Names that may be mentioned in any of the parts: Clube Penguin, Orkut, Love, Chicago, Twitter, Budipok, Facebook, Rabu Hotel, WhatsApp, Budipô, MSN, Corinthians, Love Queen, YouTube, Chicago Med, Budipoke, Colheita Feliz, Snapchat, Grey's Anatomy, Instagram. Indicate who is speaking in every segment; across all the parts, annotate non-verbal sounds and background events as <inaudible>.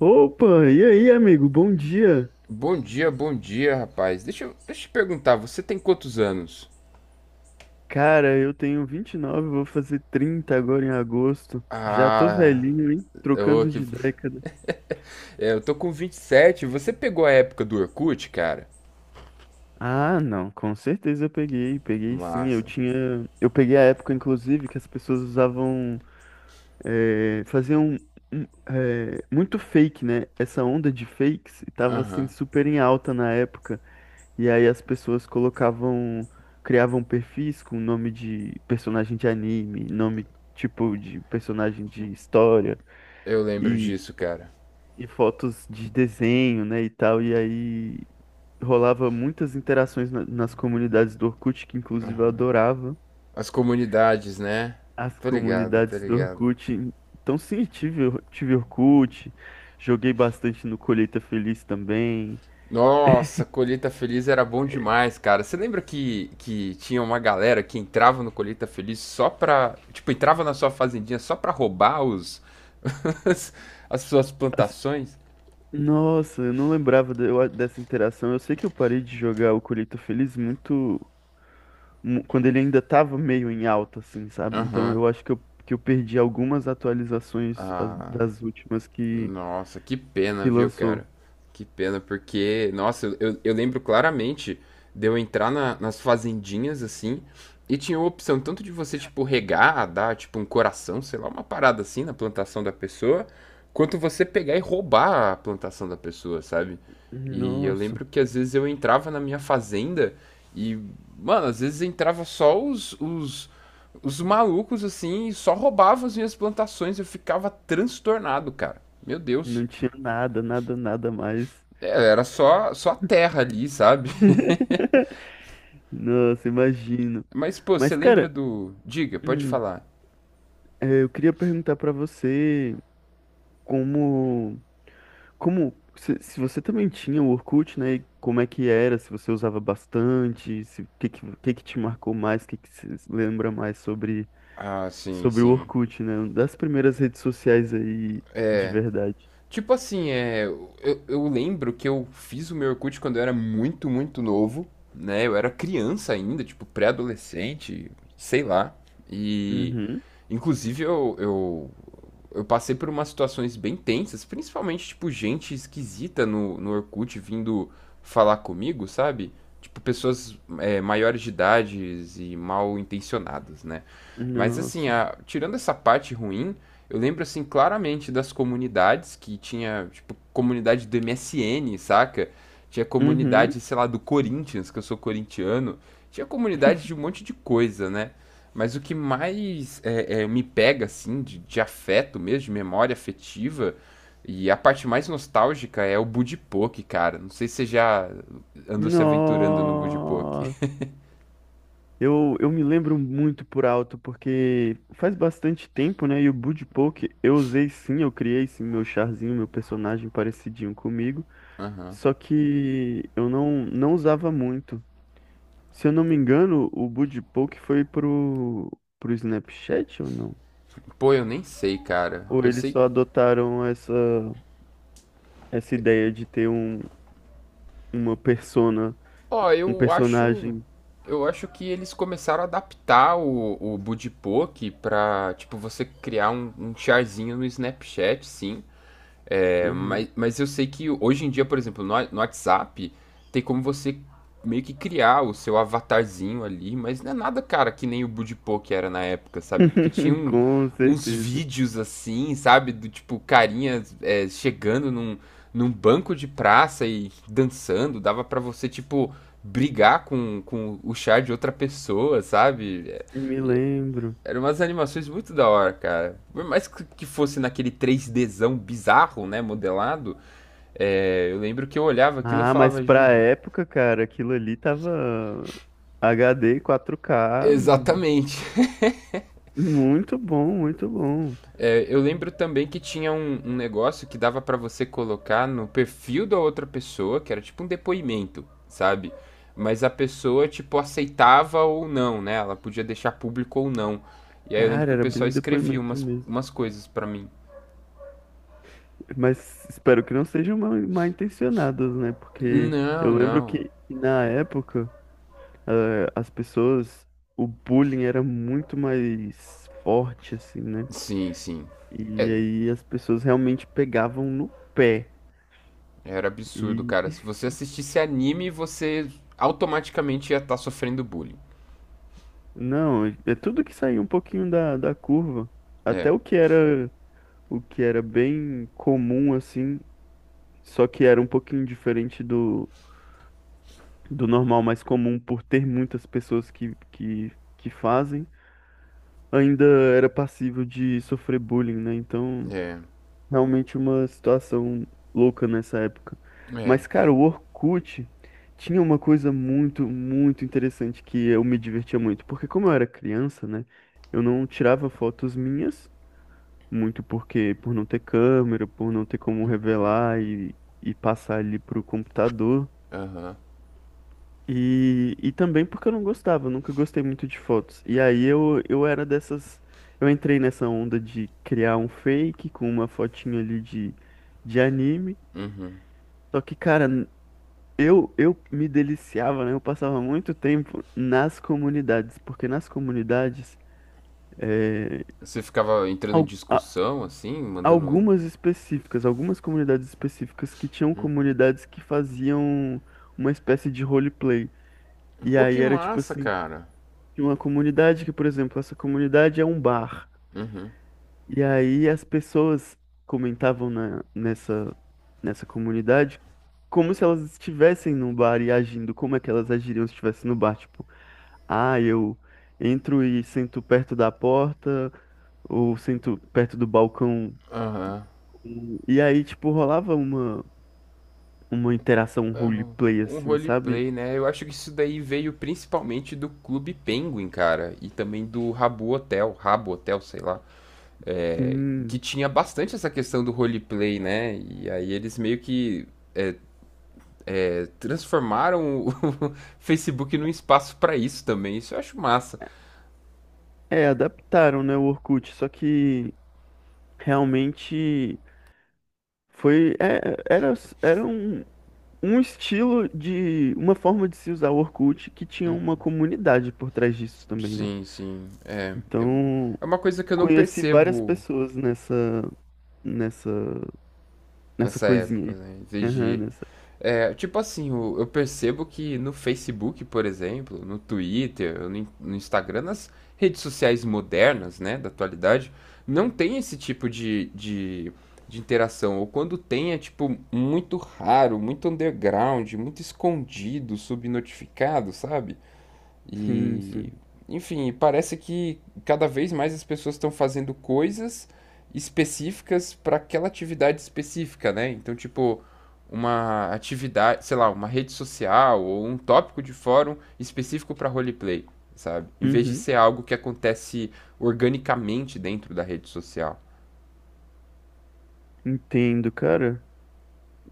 Speaker 1: Opa, e aí, amigo? Bom dia.
Speaker 2: Bom dia, rapaz. Deixa eu te perguntar, você tem quantos anos?
Speaker 1: Cara, eu tenho 29, vou fazer 30 agora em agosto. Já tô
Speaker 2: Ah,
Speaker 1: velhinho, hein?
Speaker 2: eu,
Speaker 1: Trocando
Speaker 2: que,
Speaker 1: de década.
Speaker 2: eu tô com 27. Você pegou a época do Orkut, cara?
Speaker 1: Ah, não, com certeza eu peguei, peguei sim. Eu
Speaker 2: Massa.
Speaker 1: tinha, eu peguei a época, inclusive, que as pessoas usavam, faziam um, muito fake, né? Essa onda de fakes e tava assim
Speaker 2: Aham.
Speaker 1: super em alta na época. E aí as pessoas colocavam, criavam perfis com nome de personagem de anime, nome tipo de personagem de história
Speaker 2: Eu lembro
Speaker 1: e,
Speaker 2: disso, cara.
Speaker 1: e fotos de desenho, né, e tal. E aí rolava muitas interações nas comunidades do Orkut, que inclusive eu adorava
Speaker 2: As comunidades, né?
Speaker 1: as
Speaker 2: Tô ligado, tô
Speaker 1: comunidades do
Speaker 2: ligado.
Speaker 1: Orkut. Então sim, tive, tive Orkut, joguei bastante no Colheita Feliz também.
Speaker 2: Nossa, Colheita Feliz era bom demais, cara. Você lembra que, tinha uma galera que entrava no Colheita Feliz só pra. Tipo, entrava na sua fazendinha só pra roubar <laughs> as as suas plantações?
Speaker 1: Nossa, eu não lembrava dessa interação. Eu sei que eu parei de jogar o Colheita Feliz muito quando ele ainda tava meio em alta, assim, sabe? Então
Speaker 2: Aham.
Speaker 1: eu acho que eu perdi algumas atualizações
Speaker 2: Ah,
Speaker 1: das últimas
Speaker 2: nossa, que pena,
Speaker 1: que
Speaker 2: viu,
Speaker 1: lançou.
Speaker 2: cara? Que pena, porque, nossa, eu lembro claramente de eu entrar nas fazendinhas assim, e tinha a opção tanto de você, tipo, regar, dar, tipo, um coração, sei lá, uma parada assim na plantação da pessoa, quanto você pegar e roubar a plantação da pessoa, sabe? E eu
Speaker 1: Nossa,
Speaker 2: lembro que às vezes eu entrava na minha fazenda e, mano, às vezes entrava só os Os malucos, assim, só roubavam as minhas plantações. Eu ficava transtornado, cara. Meu Deus.
Speaker 1: não tinha nada, nada, nada mais.
Speaker 2: É, era só, só a terra ali, sabe?
Speaker 1: <laughs> Nossa, imagino.
Speaker 2: <laughs> Mas, pô, você
Speaker 1: Mas,
Speaker 2: lembra
Speaker 1: cara,
Speaker 2: do. Diga, pode
Speaker 1: hum,
Speaker 2: falar.
Speaker 1: eu queria perguntar pra você como. Como se você também tinha o Orkut, né? E como é que era? Se você usava bastante, se, o que que te marcou mais, o que que você se lembra mais
Speaker 2: Ah, sim,
Speaker 1: sobre o
Speaker 2: sim.
Speaker 1: Orkut, né? Uma das primeiras redes sociais aí de verdade.
Speaker 2: Tipo assim, é. Eu lembro que eu fiz o meu Orkut quando eu era muito, muito novo, né? Eu era criança ainda, tipo, pré-adolescente, sei lá. E.
Speaker 1: Uhum.
Speaker 2: Inclusive, eu passei por umas situações bem tensas, principalmente, tipo, gente esquisita no Orkut vindo falar comigo, sabe? Tipo, pessoas é, maiores de idades e mal intencionadas, né? Mas assim,
Speaker 1: Nossa.
Speaker 2: tirando essa parte ruim, eu lembro assim claramente das comunidades que tinha, tipo, comunidade do MSN, saca? Tinha
Speaker 1: Uhum.
Speaker 2: comunidade, sei lá, do Corinthians, que eu sou corintiano. Tinha comunidade de um monte de coisa, né? Mas o que mais me pega, assim, de afeto mesmo, de memória afetiva, e a parte mais nostálgica é o Budipoke, cara. Não sei se você já andou se aventurando no Budipoke.
Speaker 1: Nossa. Eu me lembro muito por alto, porque faz bastante tempo, né? E o Budipok eu usei sim, eu criei sim meu charzinho, meu personagem parecidinho comigo.
Speaker 2: <laughs> Aham.
Speaker 1: Só que eu não, não usava muito. Se eu não me engano, o Buddy Poke foi pro Snapchat ou não?
Speaker 2: Pô, eu nem sei, cara.
Speaker 1: Ou
Speaker 2: Eu
Speaker 1: eles
Speaker 2: sei.
Speaker 1: só adotaram essa ideia de ter uma persona,
Speaker 2: Ó,
Speaker 1: um
Speaker 2: eu acho.
Speaker 1: personagem.
Speaker 2: Eu acho que eles começaram a adaptar o Budipoke pra, tipo, você criar um charzinho no Snapchat, sim. É,
Speaker 1: Uhum.
Speaker 2: mas eu sei que hoje em dia, por exemplo, no WhatsApp, tem como você meio que criar o seu avatarzinho ali, mas não é nada, cara, que nem o Budipô que era na época, sabe? Porque tinha
Speaker 1: <laughs> Com
Speaker 2: uns
Speaker 1: certeza.
Speaker 2: vídeos assim, sabe? Do tipo, carinha é, chegando num banco de praça e dançando, dava pra você, tipo, brigar com o char de outra pessoa, sabe? É,
Speaker 1: Me lembro.
Speaker 2: eram umas animações muito da hora, cara. Por mais que fosse naquele 3Dzão bizarro, né, modelado, é, eu lembro que eu olhava aquilo e
Speaker 1: Ah, mas
Speaker 2: falava,
Speaker 1: pra
Speaker 2: gente.
Speaker 1: época, cara, aquilo ali tava HD 4K hum,
Speaker 2: Exatamente.
Speaker 1: muito bom, muito bom.
Speaker 2: É, eu lembro também que tinha um negócio que dava pra você colocar no perfil da outra pessoa, que era tipo um depoimento, sabe? Mas a pessoa, tipo, aceitava ou não, né? Ela podia deixar público ou não. E aí eu lembro
Speaker 1: Cara,
Speaker 2: que o
Speaker 1: era bem
Speaker 2: pessoal
Speaker 1: um
Speaker 2: escrevia
Speaker 1: depoimento mesmo.
Speaker 2: umas coisas pra mim.
Speaker 1: Mas espero que não sejam mal, mal intencionadas, né? Porque eu
Speaker 2: Não,
Speaker 1: lembro
Speaker 2: não.
Speaker 1: que na época as pessoas, o bullying era muito mais forte, assim, né?
Speaker 2: Sim, sim.
Speaker 1: E
Speaker 2: É,
Speaker 1: aí as pessoas realmente pegavam no pé.
Speaker 2: Era absurdo, cara.
Speaker 1: E
Speaker 2: Se você assistisse anime, você automaticamente ia estar sofrendo bullying.
Speaker 1: não, é tudo que saía um pouquinho da curva. Até
Speaker 2: É,
Speaker 1: o que era bem comum, assim, só que era um pouquinho diferente do normal mais comum por ter muitas pessoas que fazem. Ainda era passível de sofrer bullying, né? Então,
Speaker 2: é,
Speaker 1: realmente uma situação louca nessa época.
Speaker 2: é.
Speaker 1: Mas, cara, o Orkut tinha uma coisa muito, muito interessante que eu me divertia muito. Porque como eu era criança, né? Eu não tirava fotos minhas, muito porque por não ter câmera, por não ter como revelar e passar ali pro computador. E também porque eu não gostava, eu nunca gostei muito de fotos. E aí eu era dessas. Eu entrei nessa onda de criar um fake com uma fotinha ali de anime. Só que, cara, eu me deliciava, né? Eu passava muito tempo nas comunidades, porque nas comunidades, é,
Speaker 2: Você ficava entrando em
Speaker 1: al- a-
Speaker 2: discussão, assim, mandando.
Speaker 1: algumas específicas, algumas comunidades específicas que tinham comunidades que faziam uma espécie de roleplay. E
Speaker 2: Pô,
Speaker 1: aí
Speaker 2: que
Speaker 1: era tipo
Speaker 2: massa,
Speaker 1: assim.
Speaker 2: cara.
Speaker 1: De uma comunidade que, por exemplo, essa comunidade é um bar.
Speaker 2: Uhum.
Speaker 1: E aí as pessoas comentavam nessa comunidade como se elas estivessem num bar e agindo, como é que elas agiriam se estivessem no bar, tipo, ah, eu entro e sento perto da porta ou sento perto do balcão.
Speaker 2: Aham.
Speaker 1: E aí, tipo, rolava uma interação
Speaker 2: Aham.
Speaker 1: roleplay,
Speaker 2: Um
Speaker 1: assim, sabe?
Speaker 2: roleplay, né? Eu acho que isso daí veio principalmente do Clube Penguin, cara. E também do Rabu Hotel, Rabo Hotel, sei lá. É, que
Speaker 1: Sim.
Speaker 2: tinha bastante essa questão do roleplay, né? E aí eles meio que é, transformaram o <laughs> Facebook num espaço para isso também. Isso eu acho massa.
Speaker 1: É, adaptaram, né, o Orkut, só que realmente foi, era um estilo de, uma forma de se usar o Orkut que tinha uma comunidade por trás disso também, né?
Speaker 2: Sim, sim. É, eu-
Speaker 1: Então,
Speaker 2: é uma coisa que eu não
Speaker 1: conheci várias
Speaker 2: percebo
Speaker 1: pessoas nessa, nessa
Speaker 2: nessa
Speaker 1: coisinha
Speaker 2: época,
Speaker 1: aí.
Speaker 2: né? Em vez
Speaker 1: Aham,
Speaker 2: de.
Speaker 1: nessa.
Speaker 2: É, tipo assim, eu percebo que no Facebook, por exemplo, no Twitter, no Instagram, nas redes sociais modernas, né, da atualidade, não tem esse tipo de interação. Ou quando tem, é tipo muito raro, muito underground, muito escondido, subnotificado, sabe?
Speaker 1: Sim,
Speaker 2: E,
Speaker 1: sim.
Speaker 2: enfim, parece que cada vez mais as pessoas estão fazendo coisas específicas para aquela atividade específica, né? Então, tipo, uma atividade, sei lá, uma rede social ou um tópico de fórum específico para roleplay, sabe? Em vez de
Speaker 1: Uhum.
Speaker 2: ser algo que acontece organicamente dentro da rede social.
Speaker 1: Entendo, cara.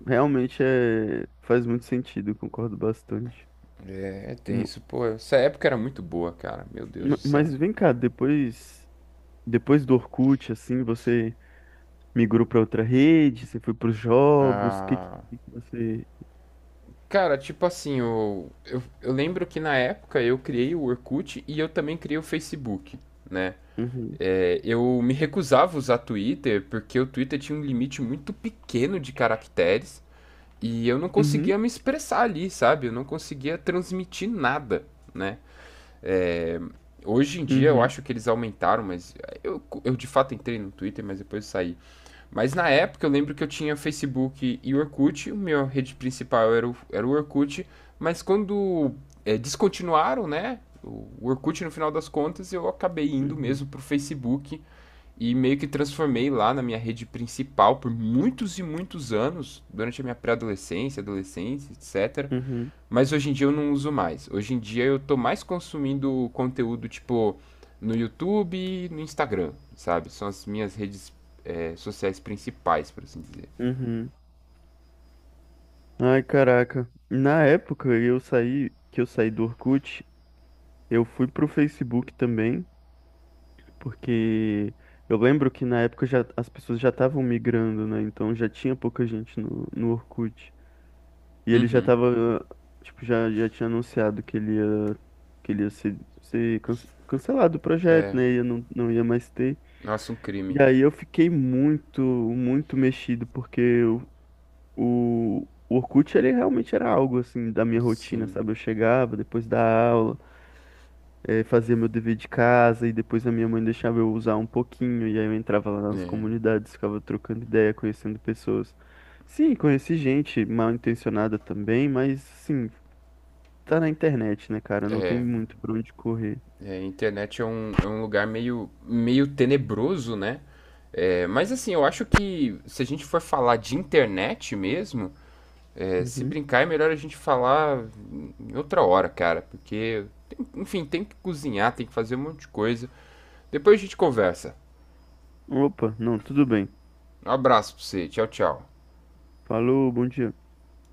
Speaker 1: Realmente é, faz muito sentido, concordo bastante.
Speaker 2: É tem
Speaker 1: M-
Speaker 2: isso pô. Essa época era muito boa, cara. Meu Deus do céu.
Speaker 1: Mas vem cá, depois, depois do Orkut, assim, você migrou para outra rede? Você foi para os jogos? O que
Speaker 2: Ah,
Speaker 1: você.
Speaker 2: Cara, tipo assim, eu lembro que na época eu criei o Orkut e eu também criei o Facebook, né?
Speaker 1: Uhum,
Speaker 2: É, eu me recusava a usar Twitter porque o Twitter tinha um limite muito pequeno de caracteres e eu não
Speaker 1: uhum,
Speaker 2: conseguia me expressar ali, sabe? Eu não conseguia transmitir nada, né? Hoje em dia eu
Speaker 1: uhum,
Speaker 2: acho que eles aumentaram, mas eu de fato entrei no Twitter, mas depois saí. Mas na época eu lembro que eu tinha Facebook e Orkut, o meu rede principal era era o Orkut, mas quando é, descontinuaram, né? O Orkut no final das contas, eu acabei indo
Speaker 1: uhum,
Speaker 2: mesmo pro Facebook e meio que transformei lá na minha rede principal por muitos e muitos anos, durante a minha pré-adolescência, adolescência, etc.
Speaker 1: uhum,
Speaker 2: Mas hoje em dia eu não uso mais. Hoje em dia eu tô mais consumindo conteúdo tipo no YouTube e no Instagram, sabe? São as minhas redes sociais principais, por assim dizer.
Speaker 1: uhum. Ai, caraca. Na época eu saí, que eu saí do Orkut, eu fui pro Facebook também, porque eu lembro que na época já, as pessoas já estavam migrando, né? Então já tinha pouca gente no Orkut. E ele já tava, tipo, já, já tinha anunciado que ele ia ser cancelado o projeto, né? Ia, não, não ia mais ter.
Speaker 2: Nossa, um crime.
Speaker 1: E aí eu fiquei muito, muito mexido, porque o Orkut, ele realmente era algo, assim, da minha rotina,
Speaker 2: Sim.
Speaker 1: sabe? Eu chegava depois da aula, fazia meu dever de casa, e depois a minha mãe deixava eu usar um pouquinho, e aí eu entrava lá nas
Speaker 2: É,
Speaker 1: comunidades, ficava trocando ideia, conhecendo pessoas. Sim, conheci gente mal intencionada também, mas, assim, tá na internet, né, cara? Não tem muito pra onde correr.
Speaker 2: é, a internet é um lugar meio, meio tenebroso, né? É, mas assim, eu acho que se a gente for falar de internet mesmo, é, se
Speaker 1: Uhum.
Speaker 2: brincar, é melhor a gente falar em outra hora, cara, porque, enfim, tem que cozinhar, tem que fazer um monte de coisa. Depois a gente conversa.
Speaker 1: Opa, não, tudo bem.
Speaker 2: Um abraço pra você, tchau, tchau.
Speaker 1: Falou, bom dia.